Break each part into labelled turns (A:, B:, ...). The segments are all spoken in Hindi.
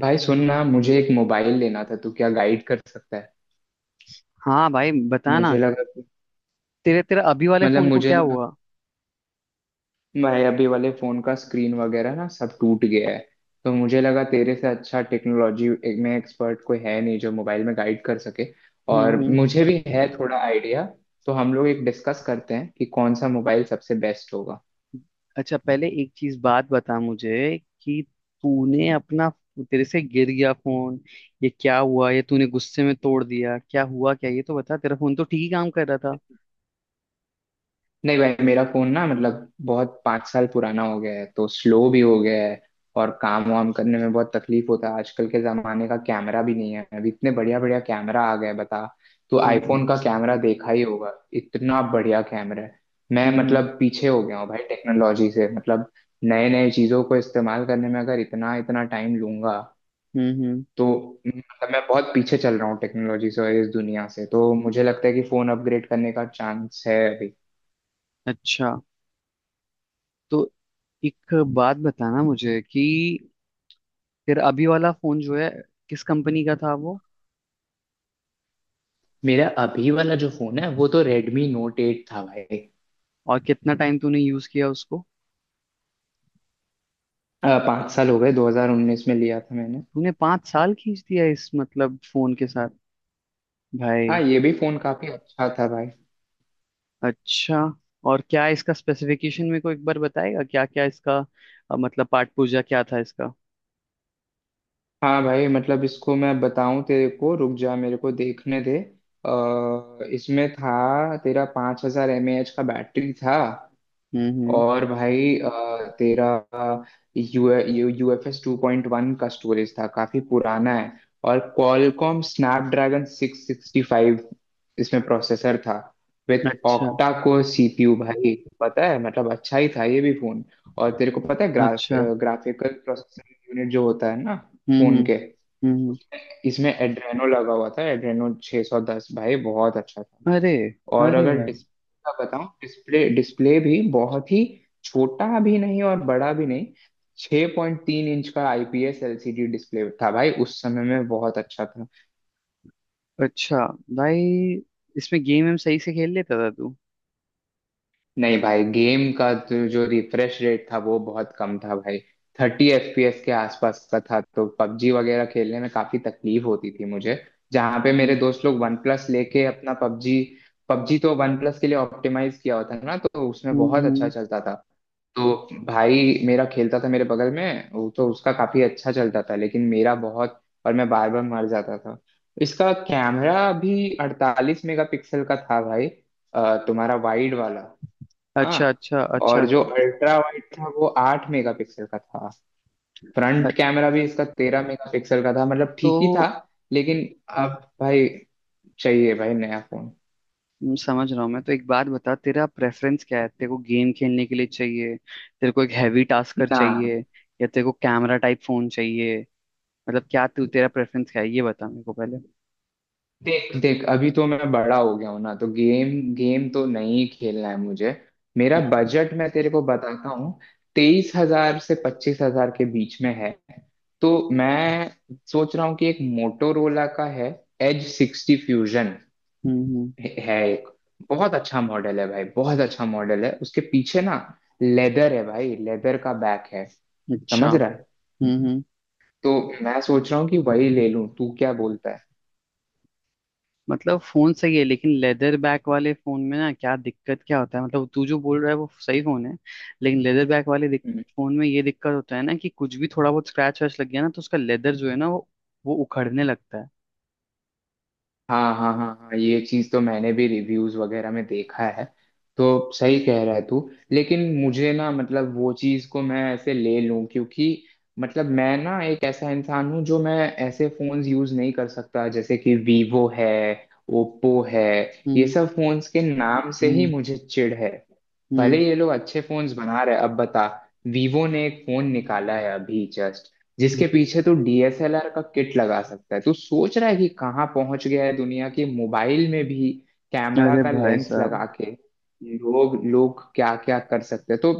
A: भाई सुनना मुझे एक मोबाइल लेना था। तू क्या गाइड कर सकता है?
B: हाँ भाई बता ना।
A: मुझे लगा
B: तेरे तेरा अभी वाले फोन को
A: मुझे
B: क्या
A: लगा
B: हुआ?
A: मेरे अभी वाले फोन का स्क्रीन वगैरह ना सब टूट गया है। तो मुझे लगा तेरे से अच्छा टेक्नोलॉजी में एक्सपर्ट कोई है नहीं जो मोबाइल में गाइड कर सके।
B: हम्म
A: और
B: हम्म।
A: मुझे भी है थोड़ा आइडिया, तो हम लोग एक डिस्कस करते हैं कि कौन सा मोबाइल सबसे बेस्ट होगा।
B: अच्छा, पहले एक चीज बात बता मुझे कि तूने अपना, तेरे से गिर गया फोन, ये क्या हुआ? ये तूने गुस्से में तोड़ दिया? क्या हुआ, क्या? ये तो बता, तेरा फोन तो ठीक ही काम कर रहा था।
A: नहीं भाई, मेरा फोन ना मतलब बहुत पाँच साल पुराना हो गया है, तो स्लो भी हो गया है। और काम वाम करने में बहुत तकलीफ होता है। आजकल के जमाने का कैमरा भी नहीं है, अभी इतने बढ़िया बढ़िया कैमरा आ गए हैं, बता। तो
B: हम्म
A: आईफोन का कैमरा देखा ही होगा, इतना बढ़िया कैमरा है। मैं
B: हम्म
A: मतलब पीछे हो गया हूँ भाई टेक्नोलॉजी से। मतलब नए नए चीजों को इस्तेमाल करने में अगर इतना इतना टाइम लूंगा
B: हम्म हम्म।
A: तो मतलब मैं बहुत पीछे चल रहा हूँ टेक्नोलॉजी से और इस दुनिया से। तो मुझे लगता है कि फोन अपग्रेड करने का चांस है अभी।
B: अच्छा, तो एक बात बताना मुझे कि तेरा अभी वाला फोन जो है, किस कंपनी का था वो?
A: मेरा अभी वाला जो फोन है वो तो रेडमी नोट एट था भाई।
B: और कितना टाइम तूने यूज किया उसको?
A: पाँच साल हो गए, 2019 में लिया था मैंने।
B: तूने 5 साल खींच दिया इस मतलब फोन के साथ भाई।
A: हाँ ये भी फोन काफी अच्छा था भाई।
B: अच्छा, और क्या इसका स्पेसिफिकेशन मेरे को एक बार बताएगा, क्या क्या इसका? मतलब पाठ पूजा क्या था इसका?
A: हाँ भाई, मतलब इसको मैं बताऊं तेरे को, रुक जा, मेरे को देखने दे। इसमें था तेरा 5000 हजार एम ए एच का बैटरी था।
B: हम्म।
A: और भाई तेरा U U F S two point one का स्टोरेज था, काफी पुराना है। और Qualcomm Snapdragon six sixty five इसमें प्रोसेसर था विथ
B: अच्छा,
A: ऑक्टा कोर सीपीयू। भाई पता है, मतलब अच्छा ही था ये भी फोन। और तेरे को पता है ग्राफ
B: अच्छा।
A: ग्राफिकल प्रोसेसर यूनिट जो होता है ना
B: हम्म
A: फोन
B: हम्म
A: के,
B: हम्म
A: उसमें इसमें एड्रेनो लगा हुआ था, एड्रेनो 610 भाई, बहुत अच्छा था।
B: अरे,
A: और
B: अरे
A: अगर
B: भाई।
A: डिस्प्ले का बताऊं, डिस्प्ले डिस्प्ले भी बहुत ही छोटा भी नहीं और बड़ा भी नहीं, 6.3 इंच का आईपीएस एलसीडी डिस्प्ले था भाई, उस समय में बहुत अच्छा था।
B: अच्छा भाई, इसमें गेम हम सही से खेल लेता था तू?
A: नहीं भाई, गेम का जो जो रिफ्रेश रेट था वो बहुत कम था भाई, थर्टी एफपीएस के आसपास का था। तो पबजी वगैरह खेलने में काफी तकलीफ होती थी मुझे। जहाँ पे मेरे
B: हम्म
A: दोस्त लोग वन प्लस लेके अपना पबजी, पबजी तो वन प्लस के लिए ऑप्टिमाइज किया होता है ना, तो उसमें बहुत
B: हम्म
A: अच्छा
B: हम्म।
A: चलता था। तो भाई मेरा खेलता था, मेरे बगल में वो तो उसका काफी अच्छा चलता था लेकिन मेरा बहुत, और मैं बार बार मर जाता था। इसका कैमरा भी अड़तालीस मेगापिक्सल का था भाई, तुम्हारा वाइड वाला।
B: अच्छा
A: हाँ,
B: अच्छा अच्छा
A: और जो
B: के।
A: अल्ट्रा वाइड था वो आठ मेगापिक्सल का था। फ्रंट
B: अ-
A: कैमरा भी इसका तेरह मेगापिक्सल का था, मतलब
B: तो,
A: ठीक ही था। लेकिन अब भाई, चाहिए भाई नया फोन।
B: समझ रहा हूँ मैं। तो एक बात बता, तेरा प्रेफरेंस क्या है? तेरे को गेम खेलने के लिए चाहिए, तेरे को एक हैवी टास्कर
A: ना
B: चाहिए, या तेरे को कैमरा टाइप फोन चाहिए? मतलब क्या तू, तेरा प्रेफरेंस क्या है ये बता मेरे को पहले।
A: देख देख, अभी तो मैं बड़ा हो गया हूं ना, तो गेम गेम तो नहीं खेलना है मुझे। मेरा बजट मैं तेरे को बताता हूँ, तेईस हजार से पच्चीस हजार के बीच में है। तो मैं सोच रहा हूँ कि एक मोटोरोला का है, एज सिक्सटी फ्यूजन
B: हम्म।
A: है एक, बहुत अच्छा मॉडल है भाई, बहुत अच्छा मॉडल है। उसके पीछे ना लेदर है भाई, लेदर का बैक है,
B: अच्छा।
A: समझ रहा है।
B: हम्म।
A: तो मैं सोच रहा हूँ कि वही ले लूं, तू क्या बोलता
B: मतलब फोन सही है, लेकिन लेदर बैक वाले फोन में ना, क्या दिक्कत क्या होता है? मतलब तू जो बोल रहा है वो सही फोन है, लेकिन लेदर बैक वाले
A: है।
B: फोन में ये दिक्कत होता है ना कि कुछ भी थोड़ा बहुत स्क्रैच वैच लग गया ना, तो उसका लेदर जो है ना, वो उखड़ने लगता है।
A: हाँ हाँ हाँ हाँ, ये चीज तो मैंने भी रिव्यूज वगैरह में देखा है। तो सही कह रहा है तू। लेकिन मुझे ना, मतलब वो चीज को मैं ऐसे ले लूं क्योंकि मतलब मैं ना एक ऐसा इंसान हूँ जो मैं ऐसे फोन्स यूज नहीं कर सकता, जैसे कि वीवो है, ओप्पो है, ये
B: हम्म
A: सब फोन्स के नाम से ही
B: हम्म
A: मुझे चिढ़ है। भले
B: हम्म
A: ये लोग अच्छे फोन्स बना रहे हैं, अब बता, वीवो ने एक फोन निकाला है अभी जस्ट जिसके पीछे तू डीएसएलआर का किट लगा सकता है। तू सोच रहा है कि कहाँ पहुंच गया है दुनिया की, मोबाइल में भी कैमरा
B: अरे
A: का
B: भाई
A: लेंस लगा
B: साहब,
A: के लोग लोग क्या क्या कर सकते हैं। तो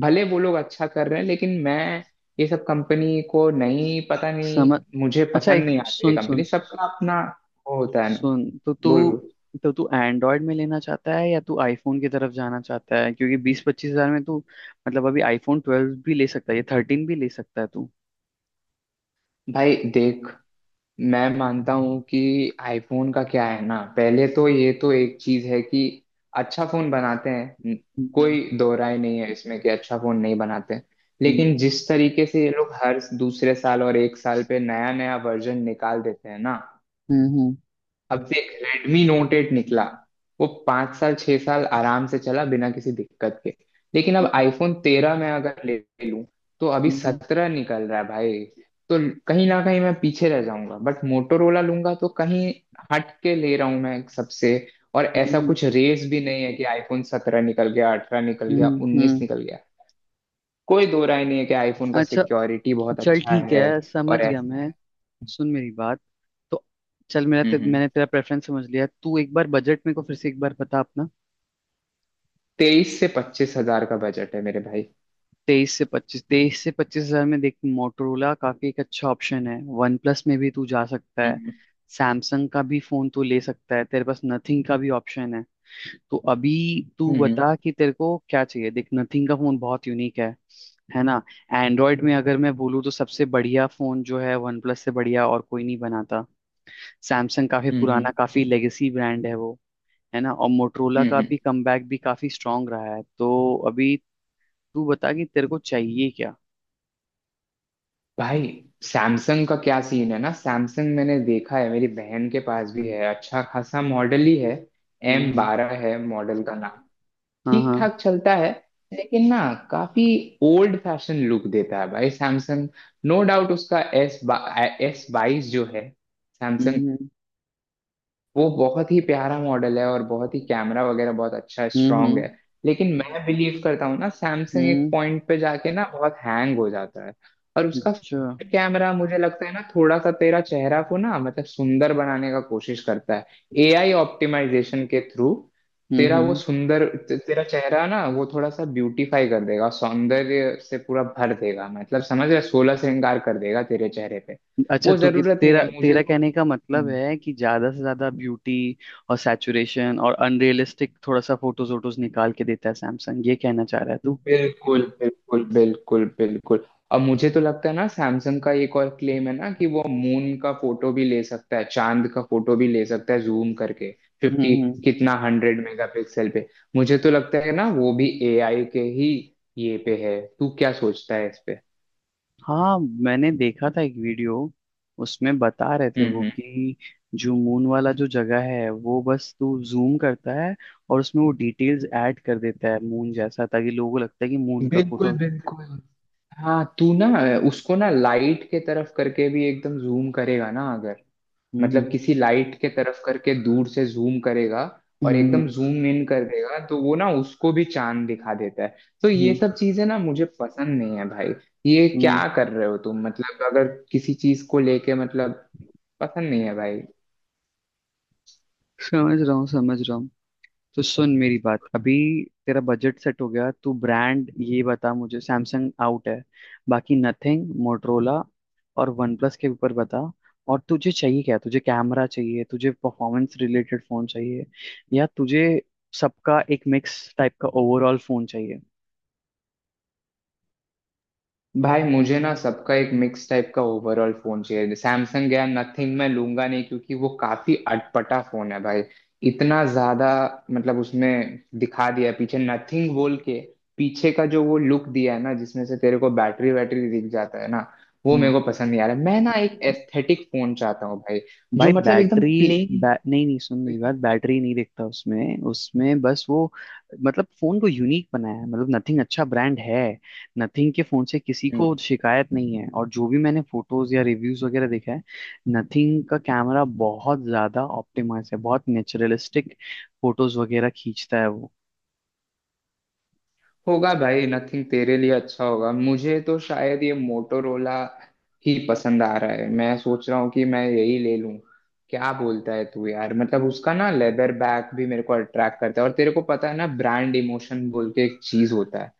A: भले वो लोग अच्छा कर रहे हैं लेकिन मैं, ये सब कंपनी को नहीं, पता नहीं,
B: समझ।
A: मुझे
B: अच्छा,
A: पसंद
B: एक,
A: नहीं आती ये
B: सुन सुन
A: कंपनी, सबका अपना वो होता है ना।
B: सुन, तो तू
A: बोल बोल।
B: तो तू एंड्रॉयड में लेना चाहता है, या तू आईफोन की तरफ जाना चाहता है? क्योंकि 20-25 हजार में तू, मतलब अभी आईफोन ट्वेल्व भी ले सकता है, या थर्टीन भी ले सकता है तू।
A: भाई देख, मैं मानता हूँ कि आईफोन का क्या है ना, पहले तो ये तो एक चीज है कि अच्छा फोन बनाते हैं,
B: हम्म
A: कोई दो राय नहीं है इसमें कि अच्छा फोन नहीं बनाते। लेकिन
B: हम्म
A: जिस तरीके से ये लोग हर दूसरे साल और एक साल पे नया नया वर्जन निकाल देते हैं ना,
B: हम्म
A: अब देख रेडमी नोट एट निकला, वो पाँच साल छह साल आराम से चला बिना किसी दिक्कत के। लेकिन अब आईफोन तेरह में अगर ले लूं, तो अभी
B: हम्म
A: सत्रह निकल रहा है भाई। तो कहीं ना कहीं मैं पीछे रह जाऊंगा, बट मोटोरोला लूंगा तो कहीं हट के ले रहा हूं मैं सबसे। और ऐसा
B: हम्म
A: कुछ रेस भी नहीं है कि आईफोन सत्रह निकल गया, अठारह निकल गया,
B: हम्म,
A: उन्नीस
B: हम्म।
A: निकल गया। कोई दो राय नहीं है कि आईफोन का
B: अच्छा,
A: सिक्योरिटी बहुत
B: चल
A: अच्छा
B: ठीक
A: है।
B: है, समझ
A: और
B: गया
A: ऐसा
B: मैं।
A: है।
B: सुन मेरी बात, तो चल, मेरा
A: हम्म हम्म।
B: मैंने तेरा प्रेफरेंस समझ लिया, तू एक बार बजट मेरे को फिर से एक बार बता अपना।
A: तेईस से पच्चीस हजार का बजट है मेरे भाई।
B: तेईस से पच्चीस हजार में देख, मोटोरोला काफी एक अच्छा ऑप्शन है, वन प्लस में भी तू जा सकता है, सैमसंग का भी फोन तू ले सकता है, तेरे पास नथिंग का भी ऑप्शन है। तो अभी तू
A: हम्म
B: बता कि तेरे को क्या चाहिए। देख, नथिंग का फोन बहुत यूनिक है ना। एंड्रॉयड में अगर मैं बोलूँ, तो सबसे बढ़िया फोन जो है, वन प्लस से बढ़िया और कोई नहीं बनाता। सैमसंग काफी
A: हम्म
B: पुराना, काफी लेगेसी ब्रांड है वो, है ना। और मोटरोला
A: हम्म
B: का
A: हम्म।
B: भी कमबैक भी काफी स्ट्रांग रहा है। तो अभी तू बता कि तेरे को चाहिए क्या।
A: भाई, सैमसंग का क्या सीन है ना, सैमसंग मैंने देखा है, मेरी बहन के पास भी है, अच्छा खासा मॉडल ही है, एम
B: हम्म।
A: बारह है मॉडल का नाम,
B: हाँ
A: ठीक
B: हाँ।
A: ठाक चलता है। लेकिन ना, काफी ओल्ड फैशन लुक देता है भाई सैमसंग। नो डाउट उसका एस बाईस जो है सैमसंग,
B: हम्म
A: वो बहुत ही प्यारा मॉडल है और बहुत ही कैमरा वगैरह बहुत अच्छा
B: हम्म
A: स्ट्रांग
B: हम्म
A: है। लेकिन मैं बिलीव करता हूँ ना, सैमसंग एक
B: हम्म।
A: पॉइंट पे जाके ना बहुत हैंग हो जाता है। और उसका
B: अच्छा।
A: कैमरा मुझे लगता है ना थोड़ा सा तेरा चेहरा को ना, मतलब सुंदर बनाने का कोशिश करता है, एआई ऑप्टिमाइजेशन के थ्रू। तेरा वो
B: हम्म।
A: सुंदर तेरा चेहरा ना वो थोड़ा सा ब्यूटीफाई कर देगा, सौंदर्य से पूरा भर देगा, मतलब समझ रहे, सोलह श्रृंगार कर देगा तेरे चेहरे पे।
B: अच्छा,
A: वो
B: तू कि
A: जरूरत नहीं
B: तेरा
A: है मुझे
B: तेरा
A: तो।
B: कहने का मतलब है कि ज्यादा से ज्यादा ब्यूटी और सैचुरेशन और अनरियलिस्टिक थोड़ा सा फोटोज वोटोज निकाल के देता है सैमसंग, ये कहना चाह रहा है तू?
A: बिल्कुल बिल्कुल बिल्कुल बिल्कुल। अब मुझे तो लगता है ना, सैमसंग का एक और क्लेम है ना कि वो मून का फोटो भी ले सकता है, चांद का फोटो भी ले सकता है जूम करके, फिफ्टी,
B: हम्म।
A: कितना, हंड्रेड मेगापिक्सल पे। मुझे तो लगता है ना वो भी एआई के ही ये पे है। तू क्या सोचता है इस पे?
B: हाँ, मैंने देखा था एक वीडियो। उसमें बता रहे थे वो
A: हम्म।
B: कि जो मून वाला जो जगह है, वो बस तू जूम करता है, और उसमें वो डिटेल्स ऐड कर देता है मून जैसा, ताकि लोगों को लगता है कि मून का
A: बिल्कुल
B: फोटो।
A: बिल्कुल। हाँ, तू ना उसको ना लाइट के तरफ करके भी एकदम जूम करेगा ना अगर,
B: हम्म
A: मतलब किसी लाइट के तरफ करके दूर से जूम करेगा
B: हम्म
A: और एकदम
B: हम्म
A: जूम इन कर देगा, तो वो ना उसको भी चांद दिखा देता है। तो ये
B: हम्म।
A: सब चीजें ना मुझे पसंद नहीं है भाई, ये क्या
B: हम्म,
A: कर रहे हो तुम, मतलब अगर किसी चीज को लेके, मतलब पसंद नहीं है भाई।
B: समझ रहा हूँ, समझ रहा हूँ। तो सुन मेरी बात, अभी तेरा बजट सेट हो गया, तू ब्रांड ये बता मुझे, सैमसंग आउट है, बाकी नथिंग, मोटरोला और वन प्लस के ऊपर बता। और तुझे चाहिए क्या? तुझे कैमरा चाहिए, तुझे परफॉर्मेंस रिलेटेड फोन चाहिए, या तुझे सबका एक मिक्स टाइप का ओवरऑल फोन चाहिए?
A: भाई मुझे ना सबका एक मिक्स टाइप का ओवरऑल फोन चाहिए। सैमसंग या नथिंग मैं लूंगा नहीं क्योंकि वो काफी अटपटा फोन है भाई, इतना ज्यादा, मतलब उसमें दिखा दिया है पीछे, नथिंग बोल के पीछे का जो वो लुक दिया है ना, जिसमें से तेरे को बैटरी वैटरी दिख जाता है ना, वो मेरे
B: हम्म।
A: को पसंद नहीं आ रहा है। मैं ना एक एस्थेटिक फोन चाहता हूँ भाई, जो
B: भाई
A: मतलब एकदम
B: बैटरी, नहीं नहीं, सुन मेरी बात, बैटरी नहीं देखता उसमें उसमें बस वो, मतलब फोन को यूनिक बनाया है, मतलब नथिंग अच्छा ब्रांड है। नथिंग के फोन से किसी को
A: प्लेन
B: शिकायत नहीं है, और जो भी मैंने फोटोज या रिव्यूज वगैरह देखा है, नथिंग का कैमरा बहुत ज्यादा ऑप्टिमाइज है, बहुत नेचुरलिस्टिक फोटोज वगैरह खींचता है वो।
A: होगा भाई। नथिंग तेरे लिए अच्छा होगा, मुझे तो शायद ये मोटोरोला ही पसंद आ रहा है। मैं सोच रहा हूँ कि मैं यही ले लूं। क्या बोलता है तू यार? मतलब उसका ना लेदर बैग भी मेरे को अट्रैक्ट करता है। और तेरे को पता है ना, ब्रांड इमोशन बोल के एक चीज होता है,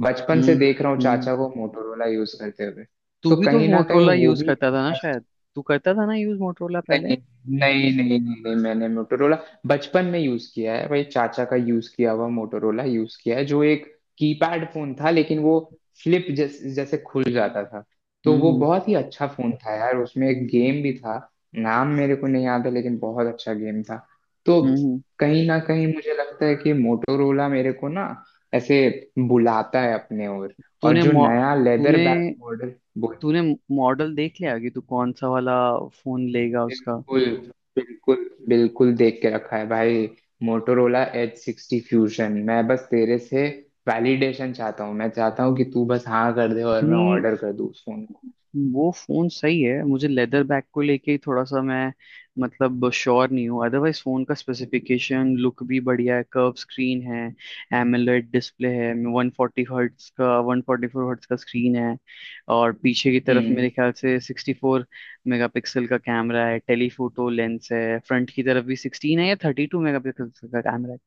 A: बचपन से
B: हम्म
A: देख रहा हूँ
B: हम्म।
A: चाचा को मोटोरोला यूज करते हुए,
B: तू
A: तो
B: भी तो
A: कहीं ना कहीं
B: मोटरोला
A: वो
B: यूज
A: भी।
B: करता था ना शायद? तू करता था ना यूज मोटरोला पहले?
A: नहीं नहीं नहीं नहीं नहीं मैंने मोटोरोला बचपन में यूज किया है भाई, चाचा का यूज किया हुआ मोटोरोला यूज किया है, जो एक कीपैड फोन था लेकिन वो फ्लिप जैसे खुल जाता था। तो
B: हम्म
A: वो
B: हम्म
A: बहुत ही अच्छा फोन था यार, उसमें एक गेम भी था, नाम मेरे को नहीं याद है लेकिन बहुत अच्छा गेम था। तो
B: हम्म, हम्म।
A: कहीं ना कहीं मुझे लगता है कि मोटोरोला मेरे को ना ऐसे बुलाता है अपने ओर। और
B: तूने
A: जो
B: मो-
A: नया लेदर
B: तूने
A: बैक मॉडल,
B: तूने मॉडल देख लिया कि तू कौन सा वाला फोन लेगा उसका?
A: बिल्कुल बिल्कुल बिल्कुल देख के रखा है भाई, मोटोरोला एच सिक्सटी फ्यूजन। मैं बस तेरे से वैलिडेशन चाहता हूँ, मैं चाहता हूँ कि तू बस हाँ कर दे और मैं
B: नहीं,
A: ऑर्डर कर दूँ उस फोन को।
B: वो फोन सही है, मुझे लेदर बैक को लेके ही थोड़ा सा मैं, मतलब श्योर नहीं हूँ। अदरवाइज फोन का स्पेसिफिकेशन, लुक भी बढ़िया है, कर्व स्क्रीन है, एमोलेड डिस्प्ले है, 140 हर्ट्स का, 144 हर्ट्स का स्क्रीन है। और पीछे की तरफ
A: हम्म।
B: मेरे ख्याल से 64 मेगापिक्सल का कैमरा है, टेलीफोटो लेंस है, फ्रंट की तरफ भी 16 है या 32 मेगापिक्सल का कैमरा है।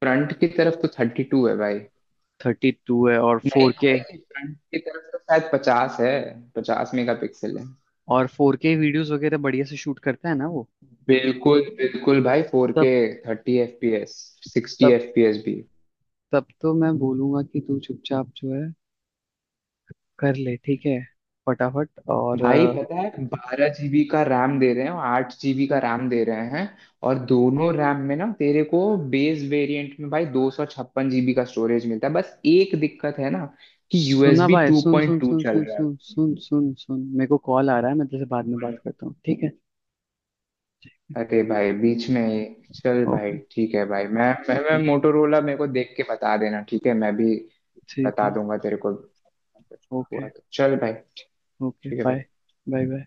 A: फ्रंट की तरफ तो थर्टी टू है भाई।
B: 32 है। और
A: नहीं
B: 4K,
A: भाई, फ्रंट की तरफ तो शायद पचास है, पचास मेगा पिक्सल है।
B: और फोर के वीडियोस वगैरह बढ़िया से शूट करता है ना वो?
A: बिल्कुल बिल्कुल भाई, फोर के
B: तब
A: thirty F P S, sixty
B: तब
A: एफ पी एस भी।
B: तब तो मैं बोलूंगा कि तू चुपचाप जो है कर ले, ठीक है, फटाफट। और
A: भाई पता है, बारह जीबी का रैम दे रहे हैं और आठ जीबी का रैम दे रहे हैं। और दोनों रैम में ना तेरे को बेस वेरिएंट में भाई दो सौ छप्पन जीबी का स्टोरेज मिलता है। बस एक दिक्कत है ना कि
B: सुना
A: यूएसबी
B: भाई,
A: टू
B: सुन
A: पॉइंट
B: सुन
A: टू
B: सुन
A: चल
B: सुन
A: रहा है
B: सुन सुन सुन सुन, मेरे को कॉल आ रहा है, मैं तुझसे बाद में
A: उसमें।
B: बात करता हूँ, ठीक है?
A: अरे भाई बीच में ये- चल भाई,
B: ओके,
A: ठीक है भाई, मैं
B: ओके,
A: मोटोरोला मेरे को देख के बता देना ठीक है, मैं भी
B: ठीक
A: बता
B: है।
A: दूंगा तेरे को कुछ
B: ओके।
A: हुआ तो। चल भाई,
B: ओके,
A: ठीक है
B: बाय
A: भाई।
B: Bye bye.